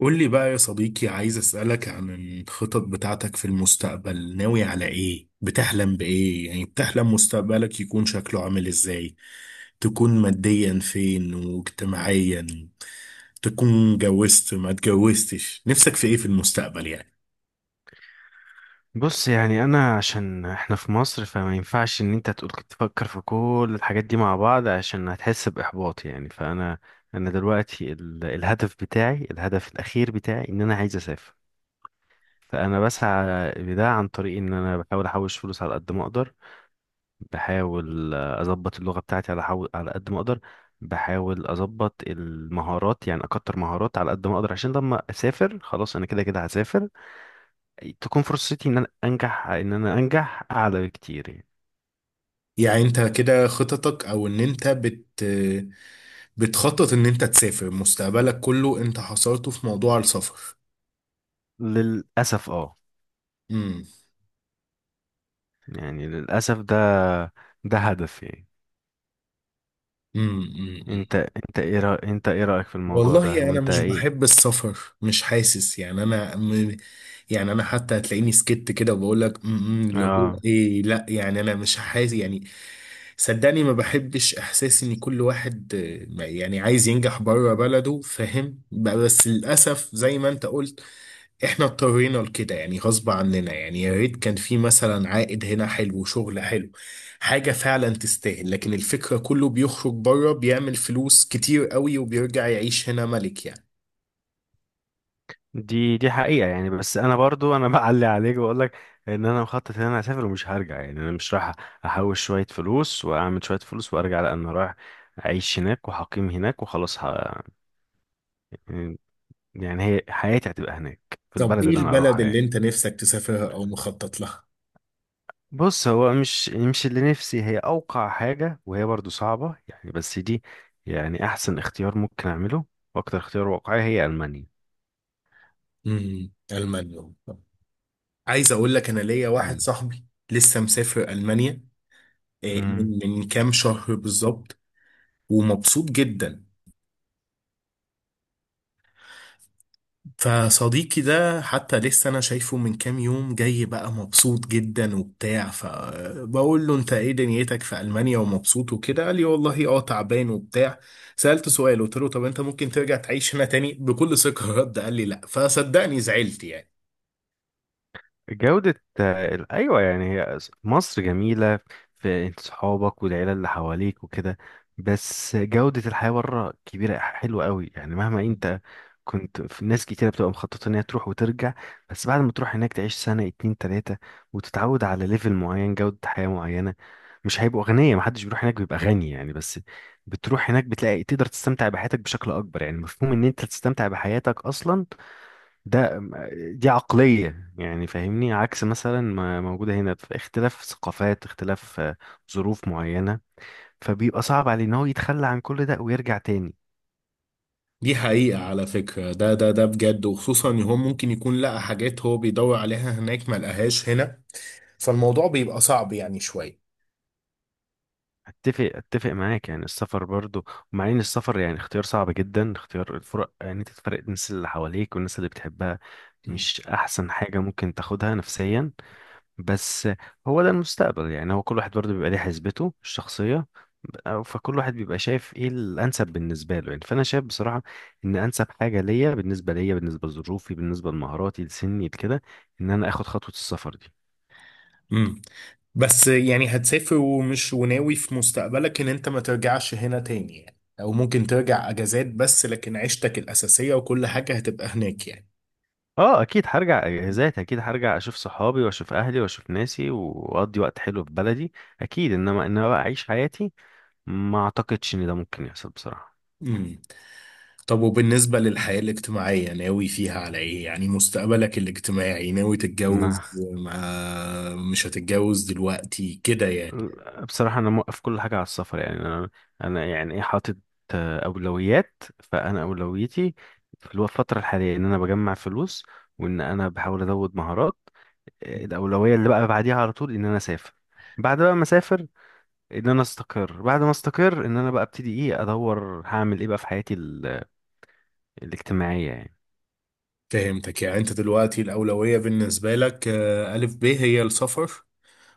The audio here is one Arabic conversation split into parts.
قول لي بقى يا صديقي، عايز أسألك عن الخطط بتاعتك في المستقبل. ناوي على إيه؟ بتحلم بإيه؟ يعني بتحلم مستقبلك يكون شكله عامل إزاي؟ تكون ماديا فين واجتماعيا؟ تكون اتجوزت ما اتجوزتش؟ نفسك في إيه في المستقبل يعني؟ بص، يعني انا عشان احنا في مصر فما ينفعش ان انت تقول تفكر في كل الحاجات دي مع بعض عشان هتحس باحباط، يعني فانا دلوقتي الهدف الاخير بتاعي ان انا عايز اسافر. فانا بسعى لده عن طريق ان انا بحاول احوش فلوس على قد ما اقدر. بحاول اظبط اللغة بتاعتي على قد ما اقدر. بحاول اظبط المهارات، يعني اكتر مهارات على قد ما اقدر، عشان لما اسافر خلاص انا كده كده هسافر، تكون فرصتي ان انا انجح اعلى بكتير يعني. يعني أنت كده خططك، أو إن أنت بتخطط إن أنت تسافر، مستقبلك كله أنت حصرته في موضوع السفر. للاسف امم، يعني للاسف ده هدف يعني. امم، انت انت ايه رأيك في الموضوع ده، والله انا وانت مش ايه؟ بحب السفر، مش حاسس يعني يعني انا حتى هتلاقيني سكت كده وبقول لك اللي هو اه، ايه، لا، يعني انا مش حاسس يعني. صدقني ما بحبش احساس ان كل واحد يعني عايز ينجح بره بلده، فاهم بقى؟ بس للاسف زي ما انت قلت، احنا اضطرينا لكده يعني، غصب عننا يعني. يا ريت كان في مثلا عائد هنا حلو، شغل حلو، حاجة فعلا تستاهل، لكن الفكرة كله بيخرج بره بيعمل فلوس كتير قوي وبيرجع يعيش هنا ملك يعني. دي حقيقة يعني. بس انا برضو انا بعلي عليك واقول لك ان انا مخطط ان انا هسافر ومش هرجع. يعني انا مش رايح احوش شوية فلوس واعمل شوية فلوس وارجع، لان انا رايح اعيش هناك وهقيم هناك وخلاص يعني هي حياتي هتبقى هناك في طب البلد ايه اللي انا البلد اروحها اللي يعني. انت نفسك تسافرها او مخطط لها؟ بص، هو مش اللي نفسي هي أوقع حاجة وهي برضو صعبة يعني، بس دي يعني أحسن اختيار ممكن أعمله وأكتر اختيار واقعي هي ألمانيا. المانيا. عايز اقول لك، انا ليا واحد مم. صاحبي لسه مسافر المانيا، مم. من كام شهر بالظبط، ومبسوط جدا. فصديقي ده حتى لسه انا شايفه من كام يوم، جاي بقى مبسوط جدا وبتاع، فبقول له: انت ايه دنيتك في المانيا ومبسوط وكده؟ قال لي: والله اه، تعبان وبتاع. سألت سؤال، قلت له: طب انت ممكن ترجع تعيش هنا تاني؟ بكل ثقة رد، قال لي: لا. فصدقني زعلت يعني. جودة أيوة، يعني هي مصر جميلة، في انت صحابك والعيلة اللي حواليك وكده، بس جودة الحياة بره كبيرة حلوة قوي. يعني مهما انت كنت، في ناس كتيرة بتبقى مخططة ان هي تروح وترجع، بس بعد ما تروح هناك تعيش سنة 2 3 وتتعود على ليفل معين، جودة حياة معينة. مش هيبقوا أغنياء، محدش بيروح هناك بيبقى غني يعني، بس بتروح هناك بتلاقي تقدر تستمتع بحياتك بشكل أكبر. يعني مفهوم ان انت تستمتع بحياتك أصلا، ده دي عقلية يعني، فاهمني؟ عكس مثلا ما موجودة هنا، في اختلاف ثقافات، اختلاف ظروف معينة، فبيبقى صعب عليه ان هو يتخلى عن كل ده ويرجع تاني. دي حقيقة على فكرة، ده بجد، وخصوصا ان هو ممكن يكون لقى حاجات هو بيدور عليها هناك ما لقاهاش هنا، فالموضوع بيبقى صعب يعني شوية. اتفق معاك، يعني السفر برضو ومع ان السفر يعني اختيار صعب جدا، اختيار الفرق ان يعني انت تفرق الناس اللي حواليك والناس اللي بتحبها مش احسن حاجة ممكن تاخدها نفسيا. بس هو ده المستقبل، يعني هو كل واحد برضه بيبقى ليه حسبته الشخصية. فكل واحد بيبقى شايف ايه الانسب بالنسبة له يعني، فانا شايف بصراحة ان انسب حاجة ليا، بالنسبة ليا، بالنسبة لظروفي، بالنسبة لمهاراتي، لسني، لكده، ان انا اخد خطوة السفر دي. امم بس يعني هتسافر، وناوي في مستقبلك ان انت ما ترجعش هنا تاني يعني، او ممكن ترجع اجازات بس، لكن عيشتك الاساسية وكل حاجة هتبقى هناك يعني؟ اه، اكيد هرجع اجازات، اكيد هرجع اشوف صحابي واشوف اهلي واشوف ناسي واقضي وقت حلو في بلدي، اكيد، انما ان انا بقى اعيش حياتي، ما اعتقدش ان ده ممكن يحصل بصراحة. امم طب وبالنسبة للحياة الاجتماعية، ناوي فيها على ايه؟ يعني مستقبلك الاجتماعي ناوي ما تتجوز، مش هتتجوز دلوقتي كده يعني؟ بصراحة أنا موقف كل حاجة على السفر. يعني أنا يعني إيه، حاطط أولويات، فأنا أولويتي في الفترة الحالية إن أنا بجمع فلوس، وإن أنا بحاول أزود مهارات. الأولوية اللي بقى بعديها على طول إن أنا أسافر، بعد بقى ما أسافر إن أنا أستقر، بعد ما أستقر إن أنا بقى أبتدي إيه، أدور هعمل إيه بقى في حياتي الاجتماعية يعني. فهمتك. يعني انت دلوقتي الأولوية بالنسبة لك، ألف ب، هي السفر،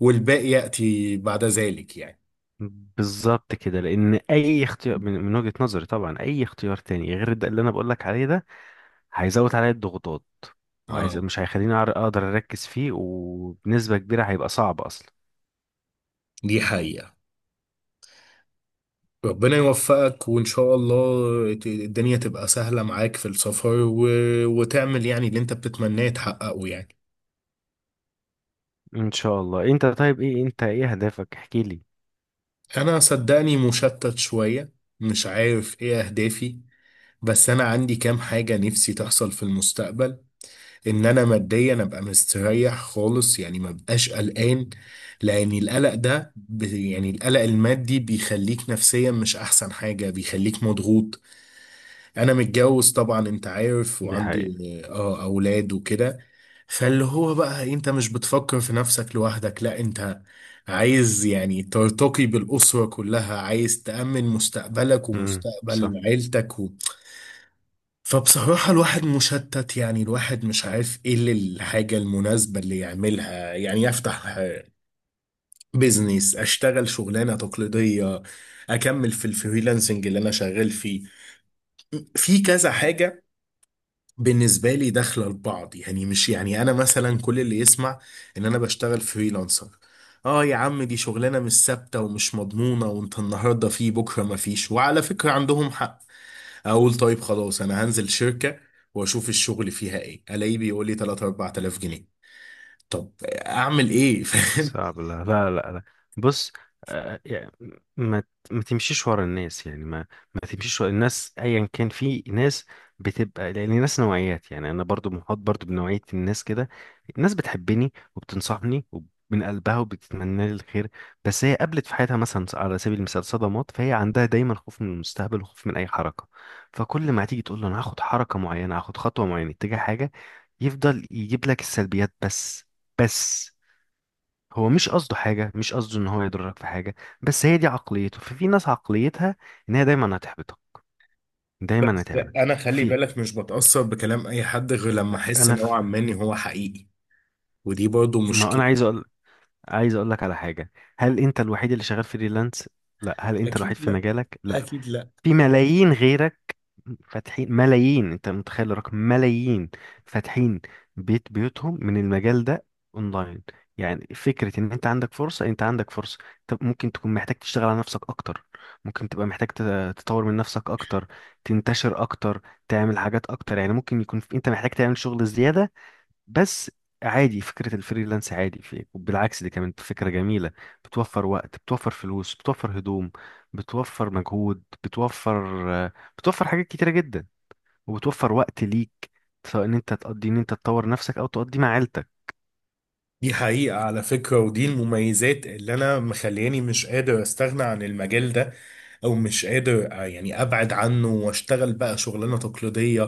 والباقي يأتي بعد ذلك يعني. بالظبط كده، لأن أي اختيار، من وجهة نظري طبعا، أي اختيار تاني غير ده اللي أنا بقولك عليه ده هيزود عليا الضغوطات، اه، مش هيخليني اقدر اركز فيه، وبنسبة كبيرة هيبقى صعب اصلا. دي حقيقة. ربنا يوفقك، وإن شاء الله الدنيا تبقى سهلة معاك في السفر وتعمل يعني اللي أنت بتتمناه تحققه يعني. ان شاء الله. انت طيب؟ انت ايه اهدافك؟ احكي لي. أنا صدقني مشتت شوية، مش عارف إيه أهدافي، بس أنا عندي كام حاجة نفسي تحصل في المستقبل. إن أنا ماديا أبقى مستريح خالص يعني، ما بقاش قلقان، لأن القلق ده يعني القلق المادي بيخليك نفسيا مش أحسن حاجة، بيخليك مضغوط. انا متجوز طبعا، انت عارف، دي حقيقة. وعندي اه اولاد وكده، فاللي هو بقى انت مش بتفكر في نفسك لوحدك، لا، انت عايز يعني ترتقي بالاسره كلها، عايز تامن مستقبلك امم. صح. ومستقبل عيلتك و. فبصراحه الواحد مشتت يعني، الواحد مش عارف ايه الحاجه المناسبه اللي يعملها يعني. يفتح بيزنس؟ اشتغل شغلانه تقليديه؟ اكمل في الفريلانسنج اللي انا شغال فيه؟ في كذا حاجه بالنسبة لي داخلة لبعض يعني. مش يعني أنا مثلا، كل اللي يسمع إن أنا بشتغل فريلانسر: آه يا عم، دي شغلانة مش ثابتة ومش مضمونة، وأنت النهاردة فيه بكرة مفيش. وعلى فكرة عندهم حق. أقول طيب خلاص أنا هنزل شركة وأشوف الشغل فيها إيه، ألاقيه بيقول لي 3 4000 جنيه. طب أعمل إيه؟ فاهم؟ صعب. لا، لا، لا، لا. بص، يعني ما ت- ما تمشيش ورا الناس، يعني ما ما تمشيش ورا الناس ايا كان. في ناس بتبقى، لان الناس نوعيات يعني، انا برضو محاط برضو بنوعية الناس كده، الناس بتحبني وبتنصحني ومن قلبها وبتتمنى لي الخير، بس هي قابلت في حياتها مثلا، على سبيل المثال، صدمات، فهي عندها دايما خوف من المستقبل وخوف من اي حركة. فكل ما تيجي تقول له انا هاخد حركة معينة، هاخد خطوة معينة اتجاه حاجة، يفضل يجيب لك السلبيات بس هو مش قصده حاجة، مش قصده ان هو يضرك في حاجة، بس هي دي عقليته. ففي ناس عقليتها ان هي دايما هتحبطك، دايما بس أنا هتعملك خلي في... بالك مش بتأثر بكلام أي حد غير لما أحس انا في نوعا ما إن هو حقيقي، ودي برضو ما انا مشكلة. عايز اقول لك على حاجة. هل انت الوحيد اللي شغال فريلانس؟ لا. هل انت الوحيد أكيد في لا، مجالك؟ لا. أكيد لا. في ملايين غيرك فاتحين، ملايين، انت متخيل الرقم؟ ملايين فاتحين بيوتهم من المجال ده اونلاين. يعني فكرة ان انت عندك فرصة، انت عندك فرصة. طب ممكن تكون محتاج تشتغل على نفسك اكتر، ممكن تبقى محتاج تطور من نفسك اكتر، تنتشر اكتر، تعمل حاجات اكتر. يعني ممكن يكون انت محتاج تعمل شغل زيادة بس. عادي، فكرة الفريلانس عادي، في إيه؟ وبالعكس، دي كمان فكرة جميلة، بتوفر وقت، بتوفر فلوس، بتوفر هدوم، بتوفر مجهود، بتوفر بتوفر حاجات كتيرة جدا، وبتوفر وقت ليك، سواء ان انت تطور نفسك، او تقضي مع عيلتك. دي حقيقة على فكرة، ودي المميزات اللي أنا مخلياني مش قادر أستغنى عن المجال ده، أو مش قادر يعني أبعد عنه وأشتغل بقى شغلانة تقليدية،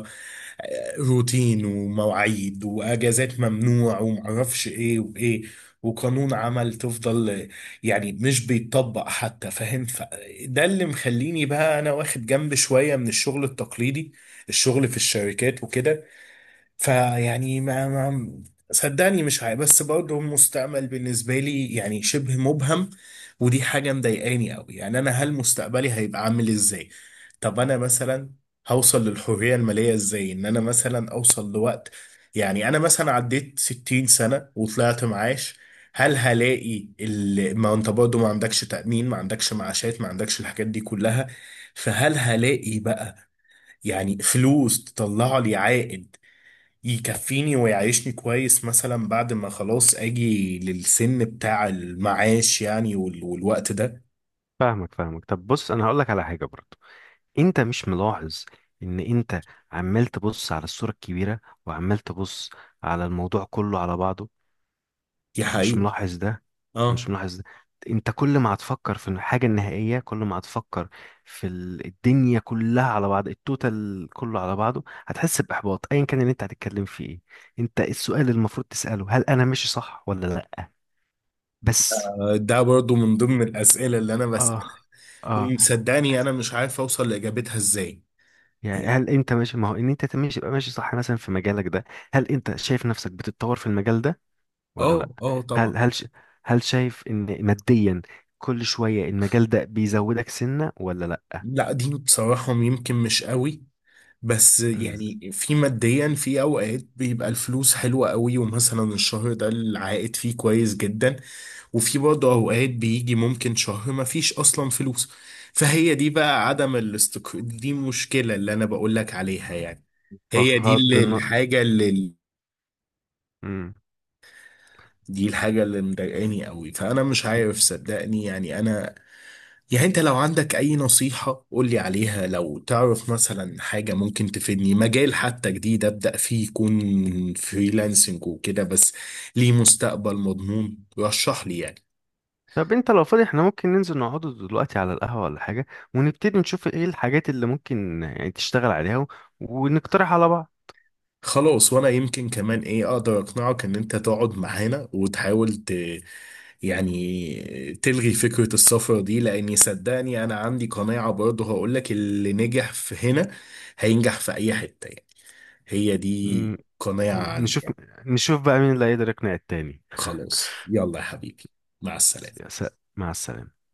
روتين ومواعيد وأجازات ممنوع ومعرفش إيه وإيه، وقانون عمل تفضل يعني مش بيتطبق حتى، فاهم؟ فده اللي مخليني بقى أنا واخد جنب شوية من الشغل التقليدي، الشغل في الشركات وكده. فيعني ما صدقني مش عارف، بس برضه المستقبل بالنسبة لي يعني شبه مبهم، ودي حاجة مضايقاني قوي يعني. أنا هل مستقبلي هيبقى عامل إزاي؟ طب أنا مثلا هوصل للحرية المالية إزاي؟ إن أنا مثلا أوصل لوقت، يعني أنا مثلا عديت 60 سنة وطلعت معاش، هل هلاقي ما أنت برضه ما عندكش تأمين، ما عندكش معاشات، ما عندكش الحاجات دي كلها؟ فهل هلاقي بقى يعني فلوس تطلع لي عائد يكفيني ويعيشني كويس مثلا بعد ما خلاص اجي للسن بتاع المعاش يعني والوقت ده؟ فاهمك، فاهمك. طب بص، انا هقول لك على حاجة برضو. انت مش ملاحظ ان انت عمال تبص على الصورة الكبيرة، وعمال تبص على الموضوع كله على بعضه؟ دي مش حقيقة. ملاحظ ده؟ مش اه، ملاحظ ده. انت كل ما هتفكر في الحاجة النهائية، كل ما هتفكر في الدنيا كلها على بعض، التوتال كله على بعضه، هتحس بإحباط ايا كان اللي انت هتتكلم فيه ايه. انت السؤال اللي المفروض تسأله هل انا ماشي صح ولا لا بس. ده برضو من ضمن الأسئلة اللي أنا بسألها، اه، اه، ومصدقني أنا مش عارف أوصل لإجابتها إزاي يعني يعني. هل انت ماشي؟ ما هو ان انت ماشي يبقى ماشي صح، مثلا في مجالك ده هل انت شايف نفسك بتتطور في المجال ده ولا اه، لا؟ اه، طبعا. هل هل ش- هل شايف ان ماديا كل شوية المجال ده بيزودك سنة ولا لا؟ لا، دي بصراحة يمكن مش قوي، بس مم. يعني في ماديا في اوقات بيبقى الفلوس حلوة قوي، ومثلا الشهر ده العائد فيه كويس جدا، وفي برضه اوقات بيجي ممكن شهر ما فيش اصلا فلوس، فهي دي بقى عدم الاستقرار، دي مشكلة اللي انا بقول لك عليها يعني. هي دي بغض اللي- النظر. الحاجة اللي دي الحاجة اللي مضايقاني قوي، فانا مش عارف صدقني يعني انا. يعني انت لو عندك اي نصيحة قولي عليها، لو تعرف مثلا حاجة ممكن تفيدني، مجال حتى جديد ابدأ فيه يكون فريلانسنج وكده، بس ليه مستقبل مضمون، رشح لي يعني. طب انت لو فاضي احنا ممكن ننزل نقعد دلوقتي على القهوة ولا حاجة، ونبتدي نشوف ايه الحاجات اللي ممكن يعني تشتغل عليها ونقترح على بعض. خلاص، وانا يمكن كمان ايه اقدر اقنعك ان انت تقعد معانا وتحاول يعني تلغي فكرة السفر دي، لاني صدقني انا عندي قناعة برضه هقولك: اللي نجح في هنا هينجح في اي حتة يعني، هي مم. دي قناعة عندي نشوف، يعني. نشوف بقى مين اللي هيقدر يقنع التاني. خلاص، يلا يا حبيبي، مع السلامة. يا سلام. مع السلامة.